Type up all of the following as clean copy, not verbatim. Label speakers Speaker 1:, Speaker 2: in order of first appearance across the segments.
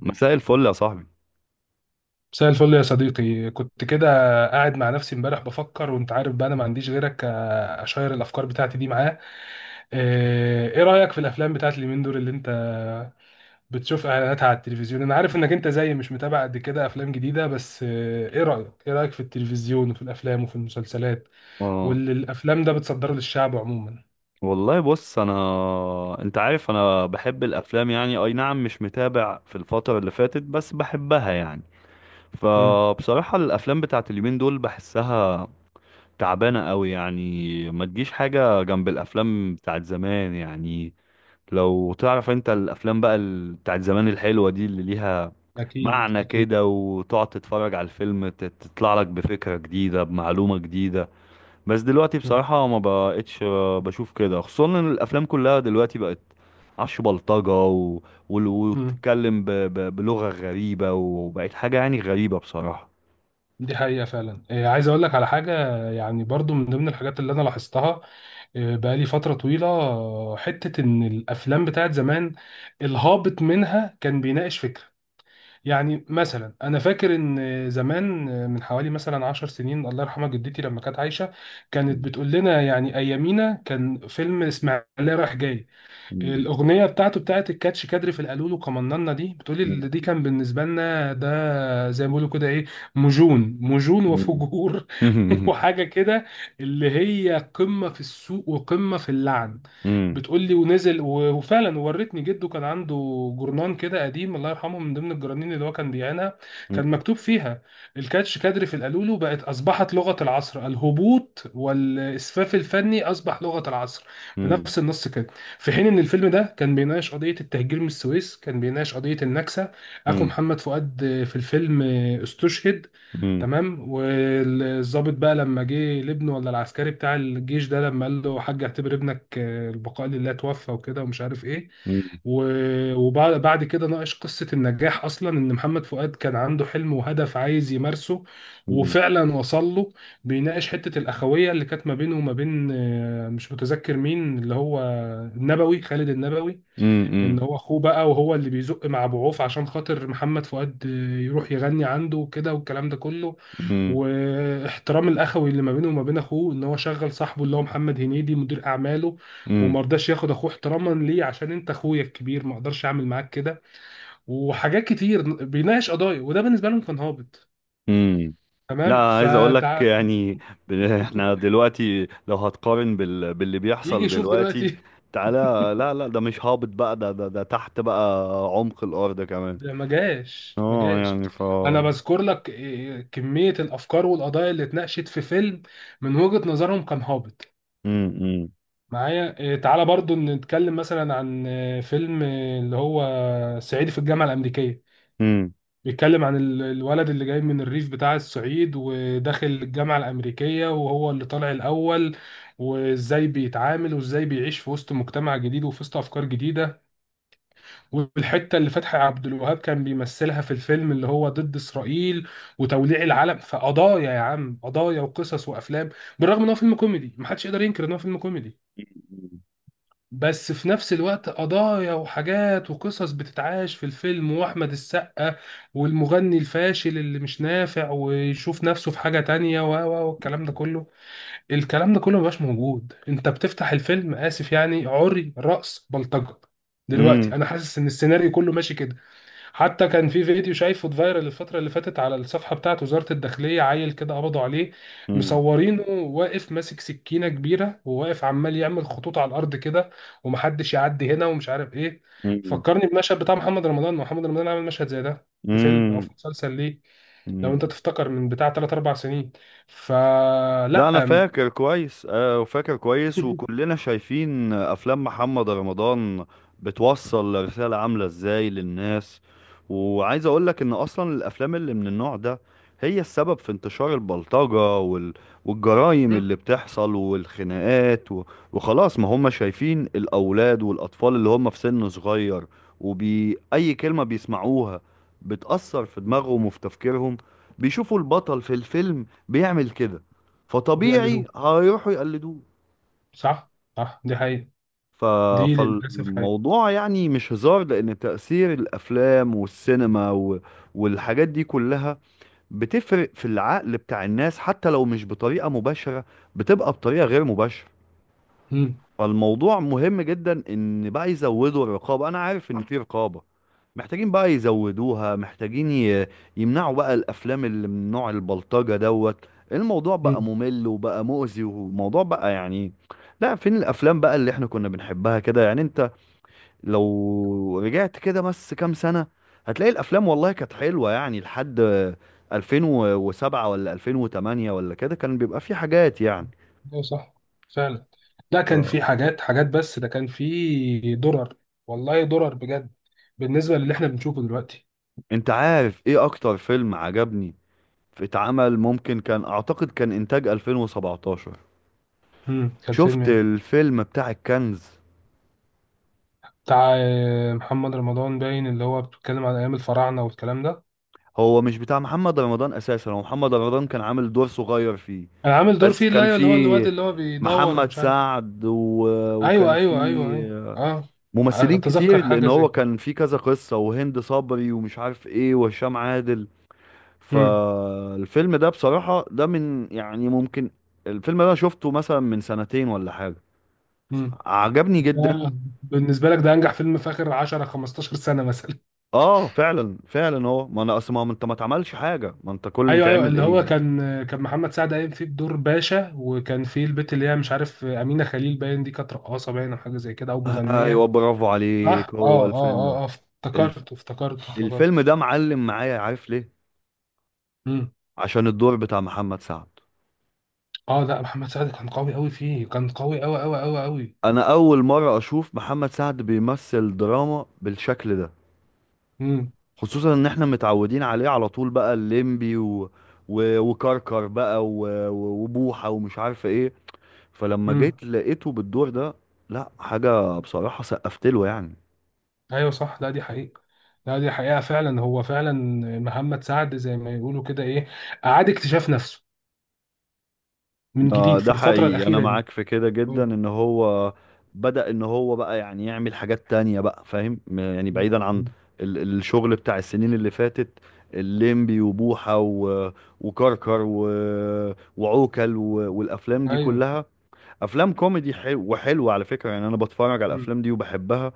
Speaker 1: مساء الفل يا صاحبي.
Speaker 2: مساء الفل يا صديقي. كنت كده قاعد مع نفسي امبارح بفكر. وانت عارف بقى انا ما عنديش غيرك، اشير الافكار بتاعتي دي معاه. ايه رأيك في الافلام بتاعت اليومين دول اللي انت بتشوف اعلاناتها على التلفزيون؟ انا عارف انك انت زيي، مش متابع قد كده افلام جديدة، بس ايه رأيك، في التلفزيون وفي الافلام وفي المسلسلات
Speaker 1: اه.
Speaker 2: واللي الافلام ده بتصدره للشعب عموما؟
Speaker 1: والله بص انا، انت عارف انا بحب الافلام يعني. اي نعم، مش متابع في الفترة اللي فاتت، بس بحبها يعني.
Speaker 2: امم.
Speaker 1: فبصراحة الافلام بتاعت اليومين دول بحسها تعبانة قوي، يعني ما تجيش حاجة جنب الافلام بتاعت زمان يعني. لو تعرف انت الافلام بقى بتاعت زمان الحلوة دي اللي ليها
Speaker 2: اكيد
Speaker 1: معنى
Speaker 2: اكيد.
Speaker 1: كده، وتقعد تتفرج على الفيلم تطلع لك بفكرة جديدة بمعلومة جديدة. بس دلوقتي
Speaker 2: مم.
Speaker 1: بصراحة ما بقتش بشوف كده، خصوصا ان الافلام كلها دلوقتي بقت عش بلطجة
Speaker 2: مم.
Speaker 1: وتتكلم بلغة غريبة، وبقت حاجة يعني غريبة بصراحة.
Speaker 2: دي حقيقة فعلا. عايز اقول لك على حاجة، يعني برضو من ضمن الحاجات اللي انا لاحظتها بقالي فترة طويلة، حتة إن الأفلام بتاعت زمان الهابط منها كان بيناقش فكرة. يعني مثلا أنا فاكر إن زمان، من حوالي مثلا 10 سنين، الله يرحمها جدتي لما كانت عايشة، كانت
Speaker 1: مم.
Speaker 2: بتقول لنا يعني أيامينا كان فيلم إسماعيلية رايح جاي،
Speaker 1: مم.
Speaker 2: الأغنية بتاعته بتاعت الكاتش كادري في القالولو قمننا دي، بتقولي اللي دي كان بالنسبة لنا ده زي ما بيقولوا كده إيه، مجون مجون
Speaker 1: مم.
Speaker 2: وفجور.
Speaker 1: مم.
Speaker 2: وحاجة كده اللي هي قمة في السوق وقمة في اللعن.
Speaker 1: مم.
Speaker 2: بتقولي، ونزل، وفعلا ورتني جده، كان عنده جورنان كده قديم، الله يرحمه، من ضمن الجرانين اللي هو كان بيعينها، كان
Speaker 1: مم.
Speaker 2: مكتوب فيها الكاتش كادري في القالولو بقت أصبحت لغة العصر، الهبوط والإسفاف الفني أصبح لغة العصر،
Speaker 1: مم.
Speaker 2: بنفس النص كده. في حين ان الفيلم ده كان بيناقش قضيه التهجير من السويس، كان بيناقش قضيه النكسه. اخو محمد فؤاد في الفيلم استشهد،
Speaker 1: مم. مم.
Speaker 2: تمام. والضابط بقى لما جه لابنه، ولا العسكري بتاع الجيش ده لما قال له حاج اعتبر ابنك، البقاء لله، توفى وكده ومش عارف ايه.
Speaker 1: مم.
Speaker 2: وبعد كده ناقش قصة النجاح، أصلا إن محمد فؤاد كان عنده حلم وهدف عايز يمارسه،
Speaker 1: مم.
Speaker 2: وفعلا وصل له. بيناقش حتة الأخوية اللي كانت ما بينه وما بين، مش متذكر مين، اللي هو النبوي، خالد النبوي. ان
Speaker 1: مم.
Speaker 2: هو اخوه بقى، وهو اللي بيزق مع ابو عوف عشان خاطر محمد فؤاد يروح يغني عنده وكده والكلام ده كله.
Speaker 1: مم.
Speaker 2: واحترام الاخوي اللي ما بينه وما بين اخوه، ان هو شغل صاحبه اللي هو محمد هنيدي مدير اعماله،
Speaker 1: مم.
Speaker 2: وما رضاش ياخد اخوه احتراما ليه، عشان انت اخويا الكبير ما اقدرش اعمل معاك كده. وحاجات كتير بيناقش قضايا، وده بالنسبه لهم كان هابط.
Speaker 1: امم. لا،
Speaker 2: تمام.
Speaker 1: عايز اقول لك يعني. احنا دلوقتي لو هتقارن باللي
Speaker 2: يجي
Speaker 1: بيحصل
Speaker 2: يشوف
Speaker 1: دلوقتي.
Speaker 2: دلوقتي.
Speaker 1: تعالى. لا لا، ده مش هابط بقى، ده تحت بقى عمق الارض كمان.
Speaker 2: ده ما جاش ما
Speaker 1: اه
Speaker 2: جاش.
Speaker 1: يعني
Speaker 2: انا بذكر لك إيه، كمية الافكار والقضايا اللي اتناقشت في فيلم من وجهة نظرهم كان هابط.
Speaker 1: امم.
Speaker 2: معايا إيه، تعالى برضو نتكلم مثلا عن فيلم، اللي هو صعيدي في الجامعة الأمريكية،
Speaker 1: امم.
Speaker 2: بيتكلم عن الولد اللي جاي من الريف بتاع الصعيد، وداخل الجامعة الأمريكية، وهو اللي طالع الأول، وازاي بيتعامل، وازاي بيعيش في وسط مجتمع جديد، وفي وسط أفكار جديدة، والحته اللي فتحي عبد الوهاب كان بيمثلها في الفيلم اللي هو ضد اسرائيل وتوليع العلم. فقضايا يا عم، قضايا وقصص وافلام. بالرغم ان هو فيلم كوميدي، محدش يقدر ينكر ان هو فيلم كوميدي، بس في نفس الوقت قضايا وحاجات وقصص بتتعاش في الفيلم. واحمد السقا والمغني الفاشل اللي مش نافع ويشوف نفسه في حاجه تانية، و و والكلام ده كله. الكلام ده كله مبقاش موجود. انت بتفتح الفيلم، اسف يعني، عري، رأس، بلطجة. دلوقتي
Speaker 1: امم.
Speaker 2: انا حاسس ان السيناريو كله ماشي كده. حتى كان في فيديو شايفه اتفايرل الفترة اللي فاتت على الصفحة بتاعت وزارة الداخلية، عيل كده قبضوا عليه،
Speaker 1: امم.
Speaker 2: مصورينه واقف ماسك سكينة كبيرة، وواقف عمال يعمل خطوط على الأرض كده، ومحدش يعدي هنا ومش عارف إيه. فكرني بمشهد بتاع محمد رمضان. محمد رمضان عمل مشهد زي ده في فيلم أو
Speaker 1: امم.
Speaker 2: في مسلسل ليه، لو أنت
Speaker 1: امم.
Speaker 2: تفتكر، من بتاع 3 4 سنين. فلا.
Speaker 1: لا، انا فاكر كويس وفاكر كويس، وكلنا شايفين افلام محمد رمضان بتوصل رسالة عاملة ازاي للناس. وعايز اقولك ان اصلا الافلام اللي من النوع ده هي السبب في انتشار البلطجة والجرائم اللي بتحصل والخناقات وخلاص. ما هم شايفين الاولاد والاطفال اللي هم في سن صغير، وبي اي كلمة بيسمعوها بتأثر في دماغهم وفي تفكيرهم. بيشوفوا البطل في الفيلم بيعمل كده، فطبيعي
Speaker 2: وبيقلدوه.
Speaker 1: هيروحوا يقلدوه.
Speaker 2: صح. صح، دي حقيقة.
Speaker 1: ف...
Speaker 2: دي للأسف حقيقة.
Speaker 1: فالموضوع يعني مش هزار، لأن تأثير الأفلام والسينما والحاجات دي كلها بتفرق في العقل بتاع الناس، حتى لو مش بطريقة مباشرة بتبقى بطريقة غير مباشرة. فالموضوع مهم جدا ان بقى يزودوا الرقابه. انا عارف ان في رقابه، محتاجين بقى يزودوها، محتاجين يمنعوا بقى الافلام اللي من نوع البلطجه دوت. الموضوع بقى ممل وبقى مؤذي وموضوع بقى يعني. لا، فين الافلام بقى اللي احنا كنا بنحبها كده، يعني انت لو رجعت كده بس كام سنه هتلاقي الافلام والله كانت حلوه، يعني لحد 2007 ولا 2008 ولا كده كان بيبقى في حاجات يعني.
Speaker 2: ايوه صح. فعلا، ده
Speaker 1: ف-
Speaker 2: كان في حاجات، حاجات، بس ده كان في درر. والله درر بجد بالنسبه للي احنا بنشوفه دلوقتي.
Speaker 1: انت عارف ايه اكتر فيلم عجبني اتعمل، ممكن كان اعتقد كان انتاج 2017؟
Speaker 2: كان فيلم
Speaker 1: شفت
Speaker 2: إيه؟
Speaker 1: الفيلم بتاع الكنز؟
Speaker 2: بتاع محمد رمضان باين، اللي هو بيتكلم عن ايام الفراعنه والكلام ده.
Speaker 1: هو مش بتاع محمد رمضان اساسا، هو محمد رمضان كان عامل دور صغير فيه.
Speaker 2: انا عامل دور
Speaker 1: بس
Speaker 2: فيه، اللي
Speaker 1: كان
Speaker 2: هو اللي هو الواد
Speaker 1: فيه
Speaker 2: اللي هو بيدور
Speaker 1: محمد
Speaker 2: ومش عارف إيه.
Speaker 1: سعد
Speaker 2: ايوه
Speaker 1: وكان
Speaker 2: ايوه ايوه ايوه
Speaker 1: فيه
Speaker 2: اه.
Speaker 1: ممثلين
Speaker 2: اتذكر
Speaker 1: كتير، لان
Speaker 2: حاجه زي
Speaker 1: هو
Speaker 2: كده.
Speaker 1: كان فيه كذا قصة، وهند صبري ومش عارف ايه وهشام عادل.
Speaker 2: امم.
Speaker 1: فالفيلم ده بصراحة ده من يعني ممكن الفيلم ده شفته مثلا من سنتين ولا حاجة،
Speaker 2: امم.
Speaker 1: عجبني
Speaker 2: ده
Speaker 1: جدا.
Speaker 2: بالنسبه لك ده انجح فيلم في اخر 10 15 سنه مثلا؟
Speaker 1: اه فعلا فعلا. هو ما انا اصل ما انت ما اتعملش حاجه، ما انت كل اللي
Speaker 2: ايوه ايوه
Speaker 1: بيتعمل
Speaker 2: اللي
Speaker 1: ايه
Speaker 2: هو
Speaker 1: يعني.
Speaker 2: كان، كان محمد سعد قايم فيه بدور باشا، وكان فيه البت اللي هي مش عارف امينه خليل باين دي، كانت رقاصه باين او حاجه زي كده او
Speaker 1: ايوه
Speaker 2: مغنيه.
Speaker 1: برافو
Speaker 2: صح
Speaker 1: عليك،
Speaker 2: اه
Speaker 1: هو
Speaker 2: اه
Speaker 1: الفيلم ده.
Speaker 2: اه اه،
Speaker 1: الف...
Speaker 2: افتكرت افتكرت افتكرت.
Speaker 1: الفيلم ده معلم معايا، عارف ليه؟
Speaker 2: امم.
Speaker 1: عشان الدور بتاع محمد سعد.
Speaker 2: اه لا، محمد سعد كان قوي قوي فيه، كان قوي قوي قوي قوي قوي.
Speaker 1: انا اول مره اشوف محمد سعد بيمثل دراما بالشكل ده،
Speaker 2: امم.
Speaker 1: خصوصا ان احنا متعودين عليه على طول بقى الليمبي وكركر بقى وبوحه ومش عارف ايه. فلما
Speaker 2: امم.
Speaker 1: جيت لقيته بالدور ده، لا حاجه بصراحه سقفت له يعني.
Speaker 2: ايوه صح، لا دي حقيقه. لا دي حقيقه فعلا، هو فعلا محمد سعد زي ما يقولوا كده ايه، اعاد اكتشاف نفسه من جديد في
Speaker 1: ده
Speaker 2: الفتره
Speaker 1: حقيقي، انا
Speaker 2: الاخيره دي.
Speaker 1: معاك في كده جدا
Speaker 2: مم.
Speaker 1: ان هو بدأ ان هو بقى يعني يعمل حاجات تانية بقى، فاهم يعني
Speaker 2: مم.
Speaker 1: بعيدا عن
Speaker 2: مم.
Speaker 1: الشغل بتاع السنين اللي فاتت، الليمبي وبوحة وكركر وعوكل والافلام دي
Speaker 2: ايوه.
Speaker 1: كلها، افلام كوميدي حلو وحلوة على فكرة، يعني انا بتفرج على
Speaker 2: مم.
Speaker 1: الافلام دي وبحبها.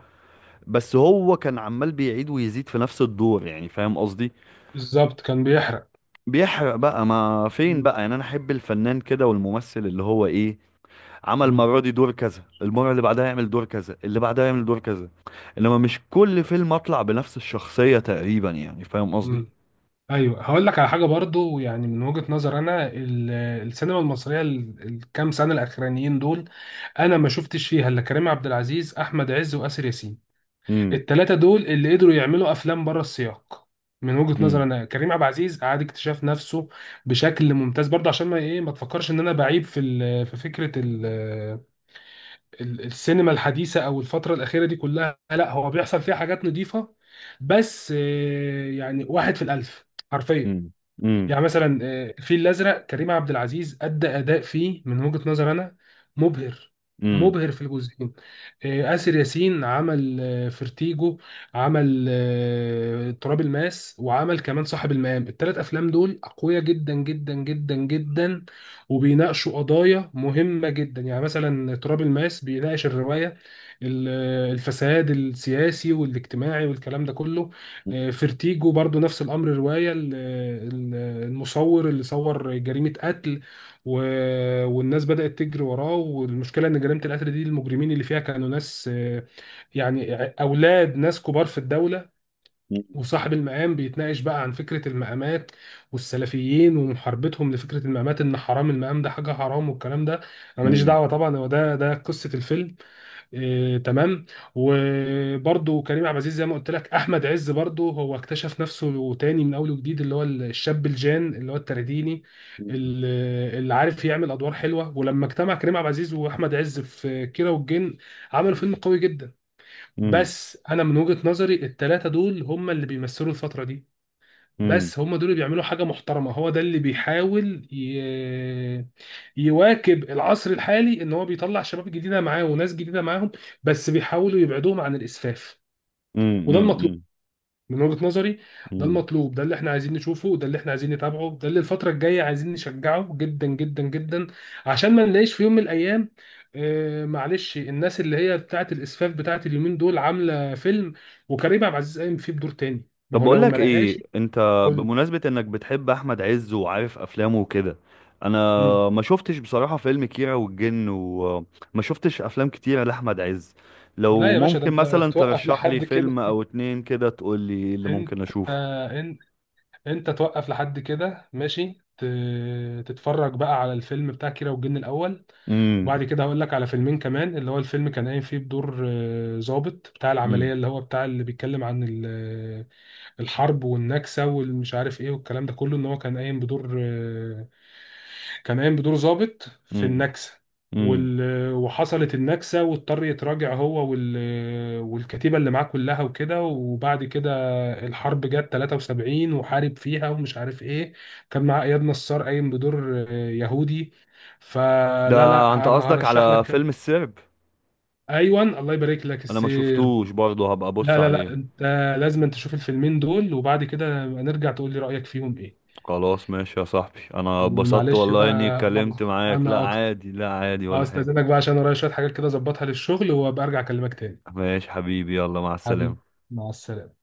Speaker 1: بس هو كان عمال بيعيد ويزيد في نفس الدور يعني فاهم قصدي.
Speaker 2: بالظبط كان بيحرق.
Speaker 1: بيحرق بقى، ما فين بقى، يعني انا احب الفنان كده والممثل اللي هو ايه، عمل
Speaker 2: مم.
Speaker 1: المره دي دور كذا، المره اللي بعدها يعمل دور كذا، اللي بعدها يعمل دور كذا، انما مش كل فيلم اطلع بنفس الشخصيه تقريبا يعني فاهم قصدي.
Speaker 2: مم. ايوه هقول لك على حاجه برضو، يعني من وجهه نظر انا، السينما المصريه الكام سنه الاخرانيين دول، انا ما شفتش فيها الا كريم عبد العزيز، احمد عز، واسر ياسين.
Speaker 1: امم.
Speaker 2: الثلاثه دول اللي قدروا يعملوا افلام بره السياق. من وجهه نظر
Speaker 1: امم.
Speaker 2: انا، كريم عبد العزيز اعاد اكتشاف نفسه بشكل ممتاز برضه. عشان ما ايه، ما تفكرش ان انا بعيب في في فكره السينما الحديثة أو الفترة الأخيرة دي كلها، لا، هو بيحصل فيها حاجات نظيفة، بس يعني واحد في الألف، حرفيا.
Speaker 1: امم.
Speaker 2: يعني مثلا الفيل الازرق، كريم عبد العزيز ادى اداء فيه من وجهة نظر انا مبهر،
Speaker 1: امم.
Speaker 2: مبهر في الجزئين. آسر ياسين عمل فيرتيجو، عمل تراب الماس، وعمل كمان صاحب المقام. الثلاث افلام دول اقوياء جدا جدا جدا جدا، وبيناقشوا قضايا مهمة جدا. يعني مثلا تراب الماس بيناقش الرواية، ال- الفساد السياسي والاجتماعي والكلام ده كله. فيرتيجو برضو نفس الامر، روايه المصور اللي صور جريمه قتل، و... والناس بدات تجري وراه، والمشكله ان جريمه القتل دي المجرمين اللي فيها كانوا ناس، يعني اولاد ناس كبار في الدوله. وصاحب المقام بيتناقش بقى عن فكره المقامات، والسلفيين ومحاربتهم لفكره المقامات، ان حرام المقام ده حاجه حرام والكلام ده. انا
Speaker 1: امم.
Speaker 2: ماليش
Speaker 1: امم.
Speaker 2: دعوه طبعا، هو ده قصه الفيلم، إيه، تمام. وبرضه كريم عبد العزيز زي ما قلت لك، احمد عز برضه هو اكتشف نفسه تاني من اول وجديد، اللي هو الشاب الجان اللي هو الترديني، اللي عارف يعمل ادوار حلوه. ولما اجتمع كريم عبد العزيز واحمد عز في كيرة والجن عملوا فيلم قوي جدا.
Speaker 1: امم.
Speaker 2: بس انا من وجهة نظري الثلاثه دول هم اللي بيمثلوا الفتره دي،
Speaker 1: امم.
Speaker 2: بس هم دول اللي بيعملوا حاجه محترمه. هو ده اللي بيحاول يواكب العصر الحالي، ان هو بيطلع شباب جديده معاه وناس جديده معاهم، بس بيحاولوا يبعدوهم عن الاسفاف، وده المطلوب
Speaker 1: امم.
Speaker 2: من وجهة نظري. ده
Speaker 1: امم.
Speaker 2: المطلوب، ده اللي احنا عايزين نشوفه، ده اللي احنا عايزين نتابعه، ده اللي الفترة الجاية عايزين نشجعه جدا جدا جدا، عشان ما نلاقيش في يوم من الايام، آه معلش، الناس اللي هي بتاعت الاسفاف بتاعت اليومين دول عاملة فيلم وكريم عبد العزيز قايم فيه بدور تاني. ما
Speaker 1: طب
Speaker 2: هو
Speaker 1: بقول
Speaker 2: لو ما
Speaker 1: لك ايه
Speaker 2: لقاش.
Speaker 1: انت،
Speaker 2: قول.
Speaker 1: بمناسبة انك بتحب احمد عز وعارف افلامه وكده، انا
Speaker 2: مم.
Speaker 1: ما شفتش بصراحة فيلم كيرة والجن، وما شفتش افلام كتيرة لاحمد عز. لو
Speaker 2: لا يا باشا، ده
Speaker 1: ممكن
Speaker 2: انت
Speaker 1: مثلا
Speaker 2: توقف
Speaker 1: ترشح لي
Speaker 2: لحد
Speaker 1: فيلم
Speaker 2: كده.
Speaker 1: او اتنين كده تقول لي إيه اللي
Speaker 2: انت
Speaker 1: ممكن اشوفه.
Speaker 2: انت توقف لحد كده ماشي، تتفرج بقى على الفيلم بتاع كيرة والجن الاول،
Speaker 1: امم.
Speaker 2: وبعد كده هقول لك على فيلمين كمان. اللي هو الفيلم كان قايم فيه بدور ضابط بتاع العملية،
Speaker 1: امم.
Speaker 2: اللي هو بتاع اللي بيتكلم عن الحرب والنكسة والمش عارف ايه والكلام ده كله، ان هو كان قايم بدور كان قايم بدور ضابط في
Speaker 1: امم.
Speaker 2: النكسة.
Speaker 1: امم.
Speaker 2: وال... وحصلت النكسة واضطر يتراجع هو والكتيبة اللي معاه كلها وكده، وبعد كده الحرب جت 73 وحارب فيها ومش عارف ايه. كان معاه اياد نصار قايم بدور يهودي.
Speaker 1: ده
Speaker 2: فلا
Speaker 1: انت
Speaker 2: لا، انا
Speaker 1: قصدك
Speaker 2: هرشح لك
Speaker 1: على
Speaker 2: كم.
Speaker 1: فيلم السرب؟
Speaker 2: ايوه، الله يبارك لك،
Speaker 1: انا ما
Speaker 2: السير.
Speaker 1: شفتوش برضه، هبقى ابص
Speaker 2: لا لا لا،
Speaker 1: عليه.
Speaker 2: انت لازم انت تشوف الفيلمين دول، وبعد كده نبقى نرجع تقول لي رأيك فيهم ايه.
Speaker 1: خلاص ماشي يا صاحبي، انا اتبسطت
Speaker 2: ومعلش
Speaker 1: والله اني
Speaker 2: بقى، يلا.
Speaker 1: اتكلمت معاك. لا
Speaker 2: انا اكتر.
Speaker 1: عادي، لا عادي
Speaker 2: اه،
Speaker 1: ولا حاجة.
Speaker 2: استاذنك بقى عشان ورايا شوية حاجات كده اظبطها للشغل، وابقى ارجع اكلمك تاني.
Speaker 1: ماشي حبيبي، يلا مع السلامة.
Speaker 2: حبيبي، مع السلامة.